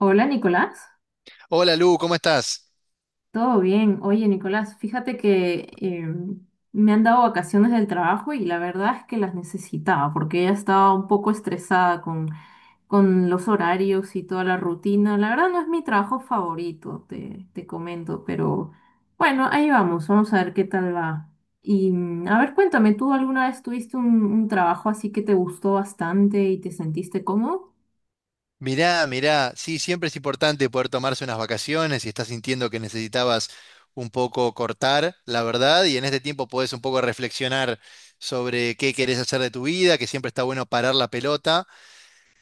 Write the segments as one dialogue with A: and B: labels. A: Hola Nicolás,
B: Hola Lu, ¿cómo estás?
A: ¿todo bien? Oye Nicolás, fíjate que me han dado vacaciones del trabajo y la verdad es que las necesitaba porque ya estaba un poco estresada con los horarios y toda la rutina. La verdad no es mi trabajo favorito, te comento, pero bueno, ahí vamos, vamos a ver qué tal va. Y a ver, cuéntame, ¿tú alguna vez tuviste un trabajo así que te gustó bastante y te sentiste cómodo?
B: Mirá, mirá, sí, siempre es importante poder tomarse unas vacaciones si estás sintiendo que necesitabas un poco cortar, la verdad, y en este tiempo podés un poco reflexionar sobre qué querés hacer de tu vida, que siempre está bueno parar la pelota.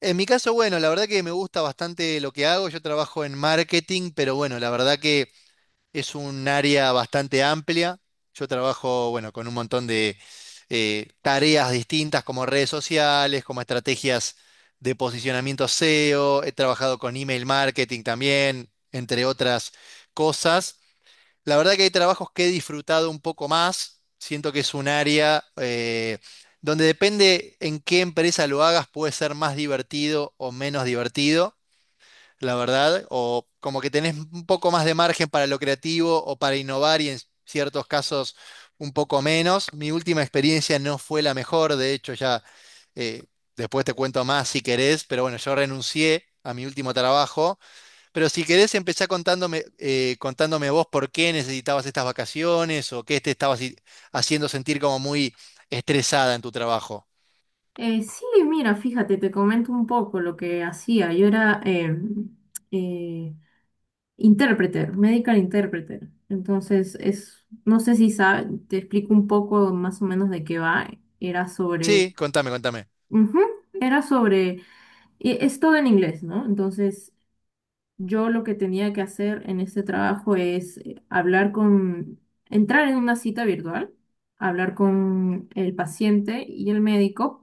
B: En mi caso, bueno, la verdad que me gusta bastante lo que hago, yo trabajo en marketing, pero bueno, la verdad que... Es un área bastante amplia. Yo trabajo, bueno, con un montón de tareas distintas como redes sociales, como estrategias de posicionamiento SEO. He trabajado con email marketing también, entre otras cosas. La verdad que hay trabajos que he disfrutado un poco más. Siento que es un área donde depende en qué empresa lo hagas, puede ser más divertido o menos divertido la verdad, o como que tenés un poco más de margen para lo creativo o para innovar y en ciertos casos un poco menos. Mi última experiencia no fue la mejor, de hecho ya eh, después te cuento más si querés, pero bueno, yo renuncié a mi último trabajo, pero si querés empezá contándome, contándome vos por qué necesitabas estas vacaciones o qué te estabas haciendo sentir como muy estresada en tu trabajo.
A: Sí, mira, fíjate, te comento un poco lo que hacía. Yo era eh, interpreter, medical interpreter. Entonces, es, no sé si sabes, te explico un poco más o menos de qué va. Era sobre,
B: Sí, contame, contame.
A: Ujú, era sobre, y es todo en inglés, ¿no? Entonces, yo lo que tenía que hacer en este trabajo es hablar con, entrar en una cita virtual, hablar con el paciente y el médico,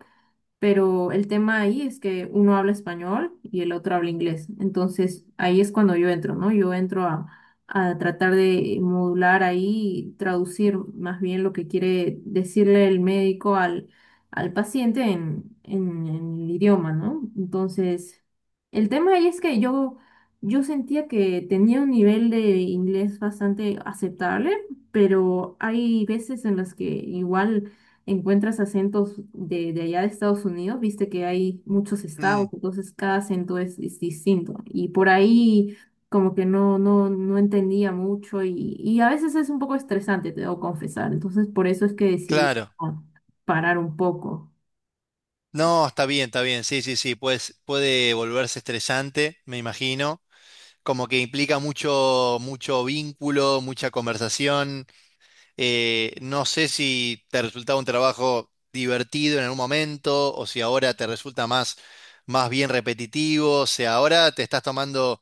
A: pero el tema ahí es que uno habla español y el otro habla inglés. Entonces ahí es cuando yo entro, ¿no? Yo entro a tratar de modular ahí, traducir más bien lo que quiere decirle el médico al paciente en el idioma, ¿no? Entonces, el tema ahí es que yo sentía que tenía un nivel de inglés bastante aceptable, pero hay veces en las que igual encuentras acentos de allá de Estados Unidos, viste que hay muchos
B: Mm,
A: estados, entonces cada acento es distinto. Y por ahí como que no, no, no entendía mucho y a veces es un poco estresante, te debo confesar. Entonces por eso es que decidí
B: claro.
A: ah, parar un poco.
B: No, está bien, está bien. Sí, sí, sí. Pues puede volverse estresante, me imagino. Como que implica mucho vínculo, mucha conversación. No sé si te resultaba un trabajo divertido en algún momento o si ahora te resulta más, más bien repetitivo. O sea, ahora te estás tomando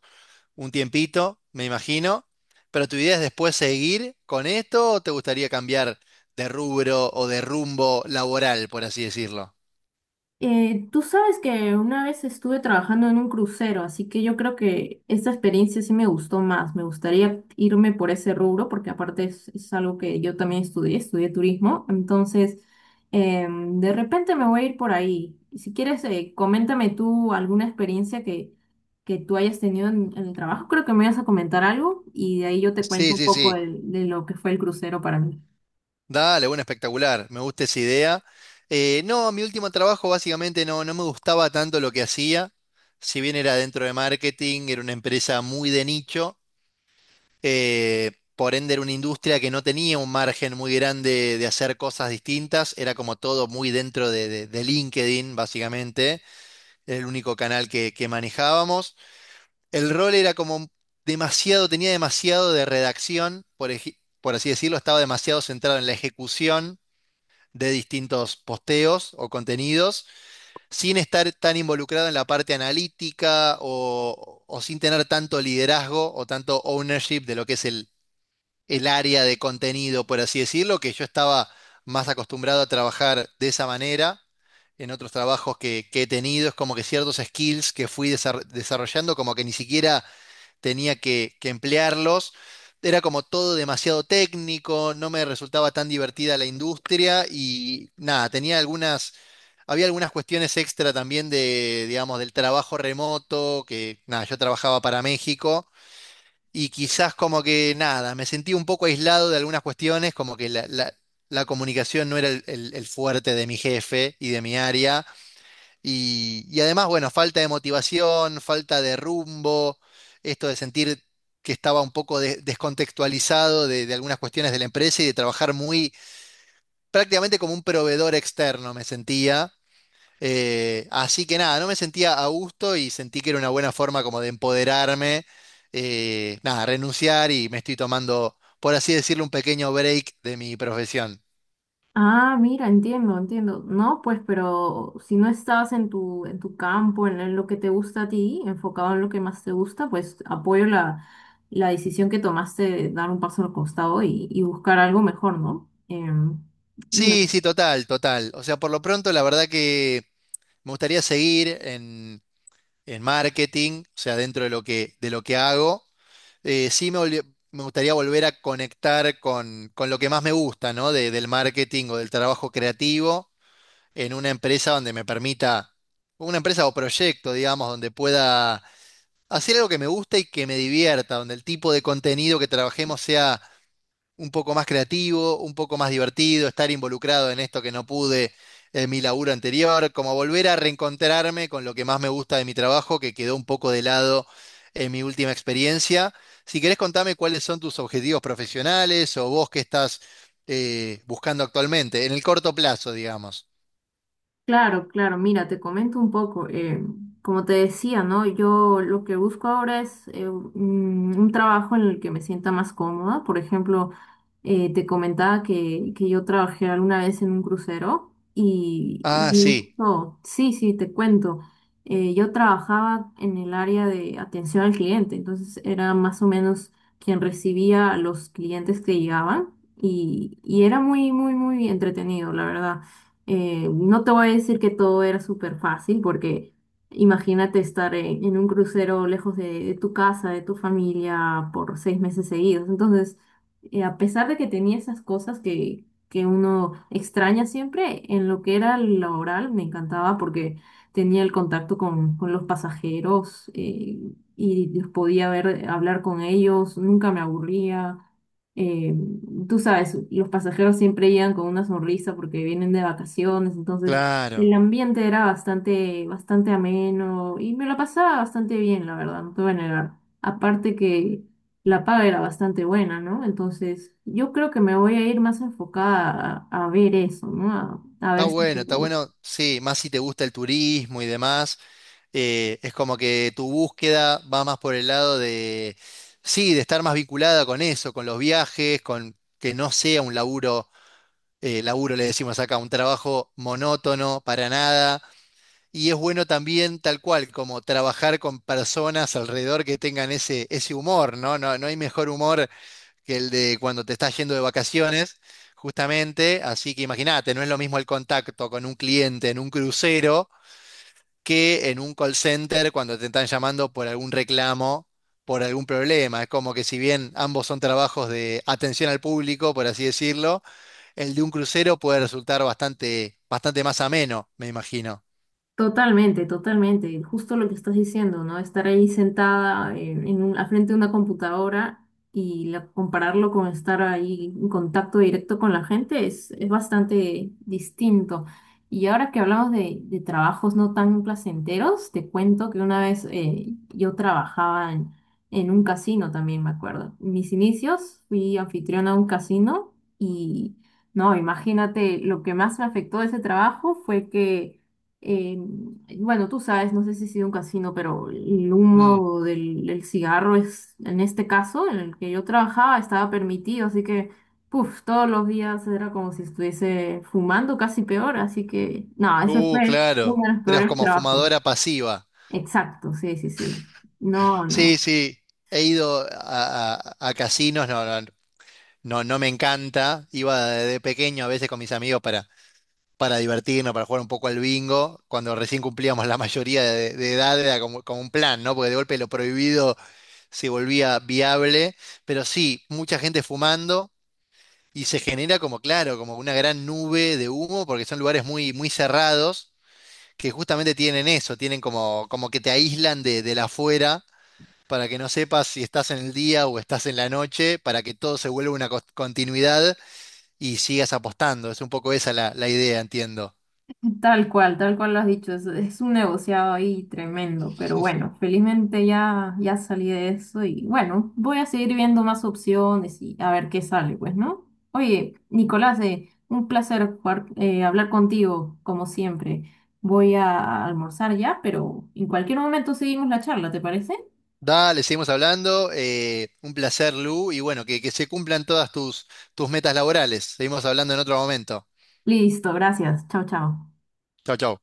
B: un tiempito, me imagino. Pero tu idea es después seguir con esto o te gustaría cambiar de rubro o de rumbo laboral, por así decirlo.
A: Tú sabes que una vez estuve trabajando en un crucero, así que yo creo que esta experiencia sí me gustó más. Me gustaría irme por ese rubro, porque aparte es algo que yo también estudié, turismo. Entonces, de repente me voy a ir por ahí. Y si quieres, coméntame tú alguna experiencia que tú hayas tenido en el trabajo. Creo que me vas a comentar algo y de ahí yo te cuento
B: Sí,
A: un
B: sí,
A: poco
B: sí.
A: de lo que fue el crucero para mí.
B: Dale, bueno, espectacular. Me gusta esa idea. No, mi último trabajo básicamente no, no me gustaba tanto lo que hacía. Si bien era dentro de marketing, era una empresa muy de nicho. Por ende, era una industria que no tenía un margen muy grande de hacer cosas distintas. Era como todo muy dentro de LinkedIn, básicamente. Era el único canal que manejábamos. El rol era como demasiado, tenía demasiado de redacción, por, por así decirlo, estaba demasiado centrado en la ejecución de distintos posteos o contenidos sin estar tan involucrado en la parte analítica o sin tener tanto liderazgo o tanto ownership de lo que es el área de contenido, por así decirlo, que yo estaba más acostumbrado a trabajar de esa manera. En otros trabajos que he tenido es como que ciertos skills que fui desarrollando, como que ni siquiera tenía que emplearlos. Era como todo demasiado técnico, no me resultaba tan divertida la industria y nada, tenía algunas, había algunas cuestiones extra también de, digamos, del trabajo remoto, que nada, yo trabajaba para México y quizás como que nada, me sentí un poco aislado de algunas cuestiones, como que la comunicación no era el fuerte de mi jefe y de mi área. Y además, bueno, falta de motivación, falta de rumbo, esto de sentir que estaba un poco descontextualizado de algunas cuestiones de la empresa y de trabajar muy prácticamente como un proveedor externo me sentía. Así que nada, no me sentía a gusto y sentí que era una buena forma como de empoderarme, nada, renunciar y me estoy tomando, por así decirlo, un pequeño break de mi profesión.
A: Ah, mira, entiendo, entiendo. No, pues, pero si no estabas en tu campo, en lo que te gusta a ti, enfocado en lo que más te gusta, pues apoyo la, la decisión que tomaste de dar un paso al costado y buscar algo mejor, ¿no? Mira.
B: Sí, sí, total, total. O sea, por lo pronto, la verdad que me gustaría seguir en marketing, o sea, dentro de lo que hago. Eh, me gustaría volver a conectar con lo que más me gusta, ¿no? Del marketing o del trabajo creativo en una empresa donde me permita, una empresa o proyecto, digamos, donde pueda hacer algo que me gusta y que me divierta, donde el tipo de contenido que trabajemos sea un poco más creativo, un poco más divertido, estar involucrado en esto que no pude en mi laburo anterior, como volver a reencontrarme con lo que más me gusta de mi trabajo, que quedó un poco de lado en mi última experiencia. Si querés contame cuáles son tus objetivos profesionales o vos qué estás buscando actualmente, en el corto plazo, digamos.
A: Claro, claro, mira, te comento un poco. Como te decía, ¿no? Yo lo que busco ahora es un trabajo en el que me sienta más cómoda. Por ejemplo, te comentaba que yo trabajé alguna vez en un crucero y
B: Ah, sí,
A: sí, sí, te cuento. Yo trabajaba en el área de atención al cliente, entonces era más o menos quien recibía a los clientes que llegaban y era muy, muy, muy entretenido, la verdad. No te voy a decir que todo era súper fácil, porque imagínate estar en un crucero lejos de tu casa, de tu familia, por 6 meses seguidos. Entonces, a pesar de que tenía esas cosas que uno extraña siempre, en lo que era laboral me encantaba porque tenía el contacto con los pasajeros y los podía ver, hablar con ellos, nunca me aburría eh, tú sabes, los pasajeros siempre llegan con una sonrisa porque vienen de vacaciones, entonces
B: claro.
A: el ambiente era bastante, bastante ameno y me la pasaba bastante bien, la verdad, no te voy a negar. Aparte que la paga era bastante buena, ¿no? Entonces yo creo que me voy a ir más enfocada a ver eso, ¿no? A ver si...
B: Está bueno, sí, más si te gusta el turismo y demás. Es como que tu búsqueda va más por el lado de, sí, de estar más vinculada con eso, con los viajes, con que no sea un laburo, laburo le decimos acá, un trabajo monótono para nada. Y es bueno también, tal cual, como trabajar con personas alrededor que tengan ese, ese humor, ¿no? No, no hay mejor humor que el de cuando te estás yendo de vacaciones, justamente. Así que imagínate, no es lo mismo el contacto con un cliente en un crucero que en un call center cuando te están llamando por algún reclamo, por algún problema. Es como que si bien ambos son trabajos de atención al público, por así decirlo, el de un crucero puede resultar bastante, bastante más ameno, me imagino.
A: Totalmente, totalmente. Justo lo que estás diciendo, ¿no? Estar ahí sentada al frente de una computadora y compararlo con estar ahí en contacto directo con la gente es bastante distinto. Y ahora que hablamos de trabajos no tan placenteros, te cuento que una vez yo trabajaba en un casino también, me acuerdo. En mis inicios fui anfitriona a un casino y, no, imagínate, lo que más me afectó de ese trabajo fue que eh, bueno, tú sabes, no sé si ha sido un casino, pero el
B: Mm.
A: humo del cigarro es, en este caso, en el que yo trabajaba, estaba permitido, así que, puf, todos los días era como si estuviese fumando, casi peor, así que, no, eso fue
B: Claro.
A: uno de los
B: Eras
A: peores
B: como
A: trabajos.
B: fumadora pasiva.
A: Exacto, sí, sí, sí. No,
B: Sí,
A: no.
B: sí. He ido a, a casinos, no, no, no, no me encanta. Iba de pequeño a veces con mis amigos para divertirnos, para jugar un poco al bingo, cuando recién cumplíamos la mayoría de edad, era como, como un plan, ¿no? Porque de golpe lo prohibido se volvía viable, pero sí, mucha gente fumando y se genera como, claro, como una gran nube de humo, porque son lugares muy, muy cerrados, que justamente tienen eso, tienen como, como que te aíslan de la afuera. Para que no sepas si estás en el día o estás en la noche, para que todo se vuelva una continuidad y sigas apostando. Es un poco esa la idea, entiendo.
A: Tal cual lo has dicho, es un negociado ahí tremendo, pero bueno, felizmente ya salí de eso y bueno, voy a seguir viendo más opciones y a ver qué sale, pues, ¿no? Oye, Nicolás, un placer hablar contigo, como siempre. Voy a almorzar ya, pero en cualquier momento seguimos la charla, ¿te parece?
B: Dale, seguimos hablando. Un placer, Lu. Y bueno, que se cumplan todas tus, tus metas laborales. Seguimos hablando en otro momento.
A: Listo, gracias. Chao, chao.
B: Chau, chau.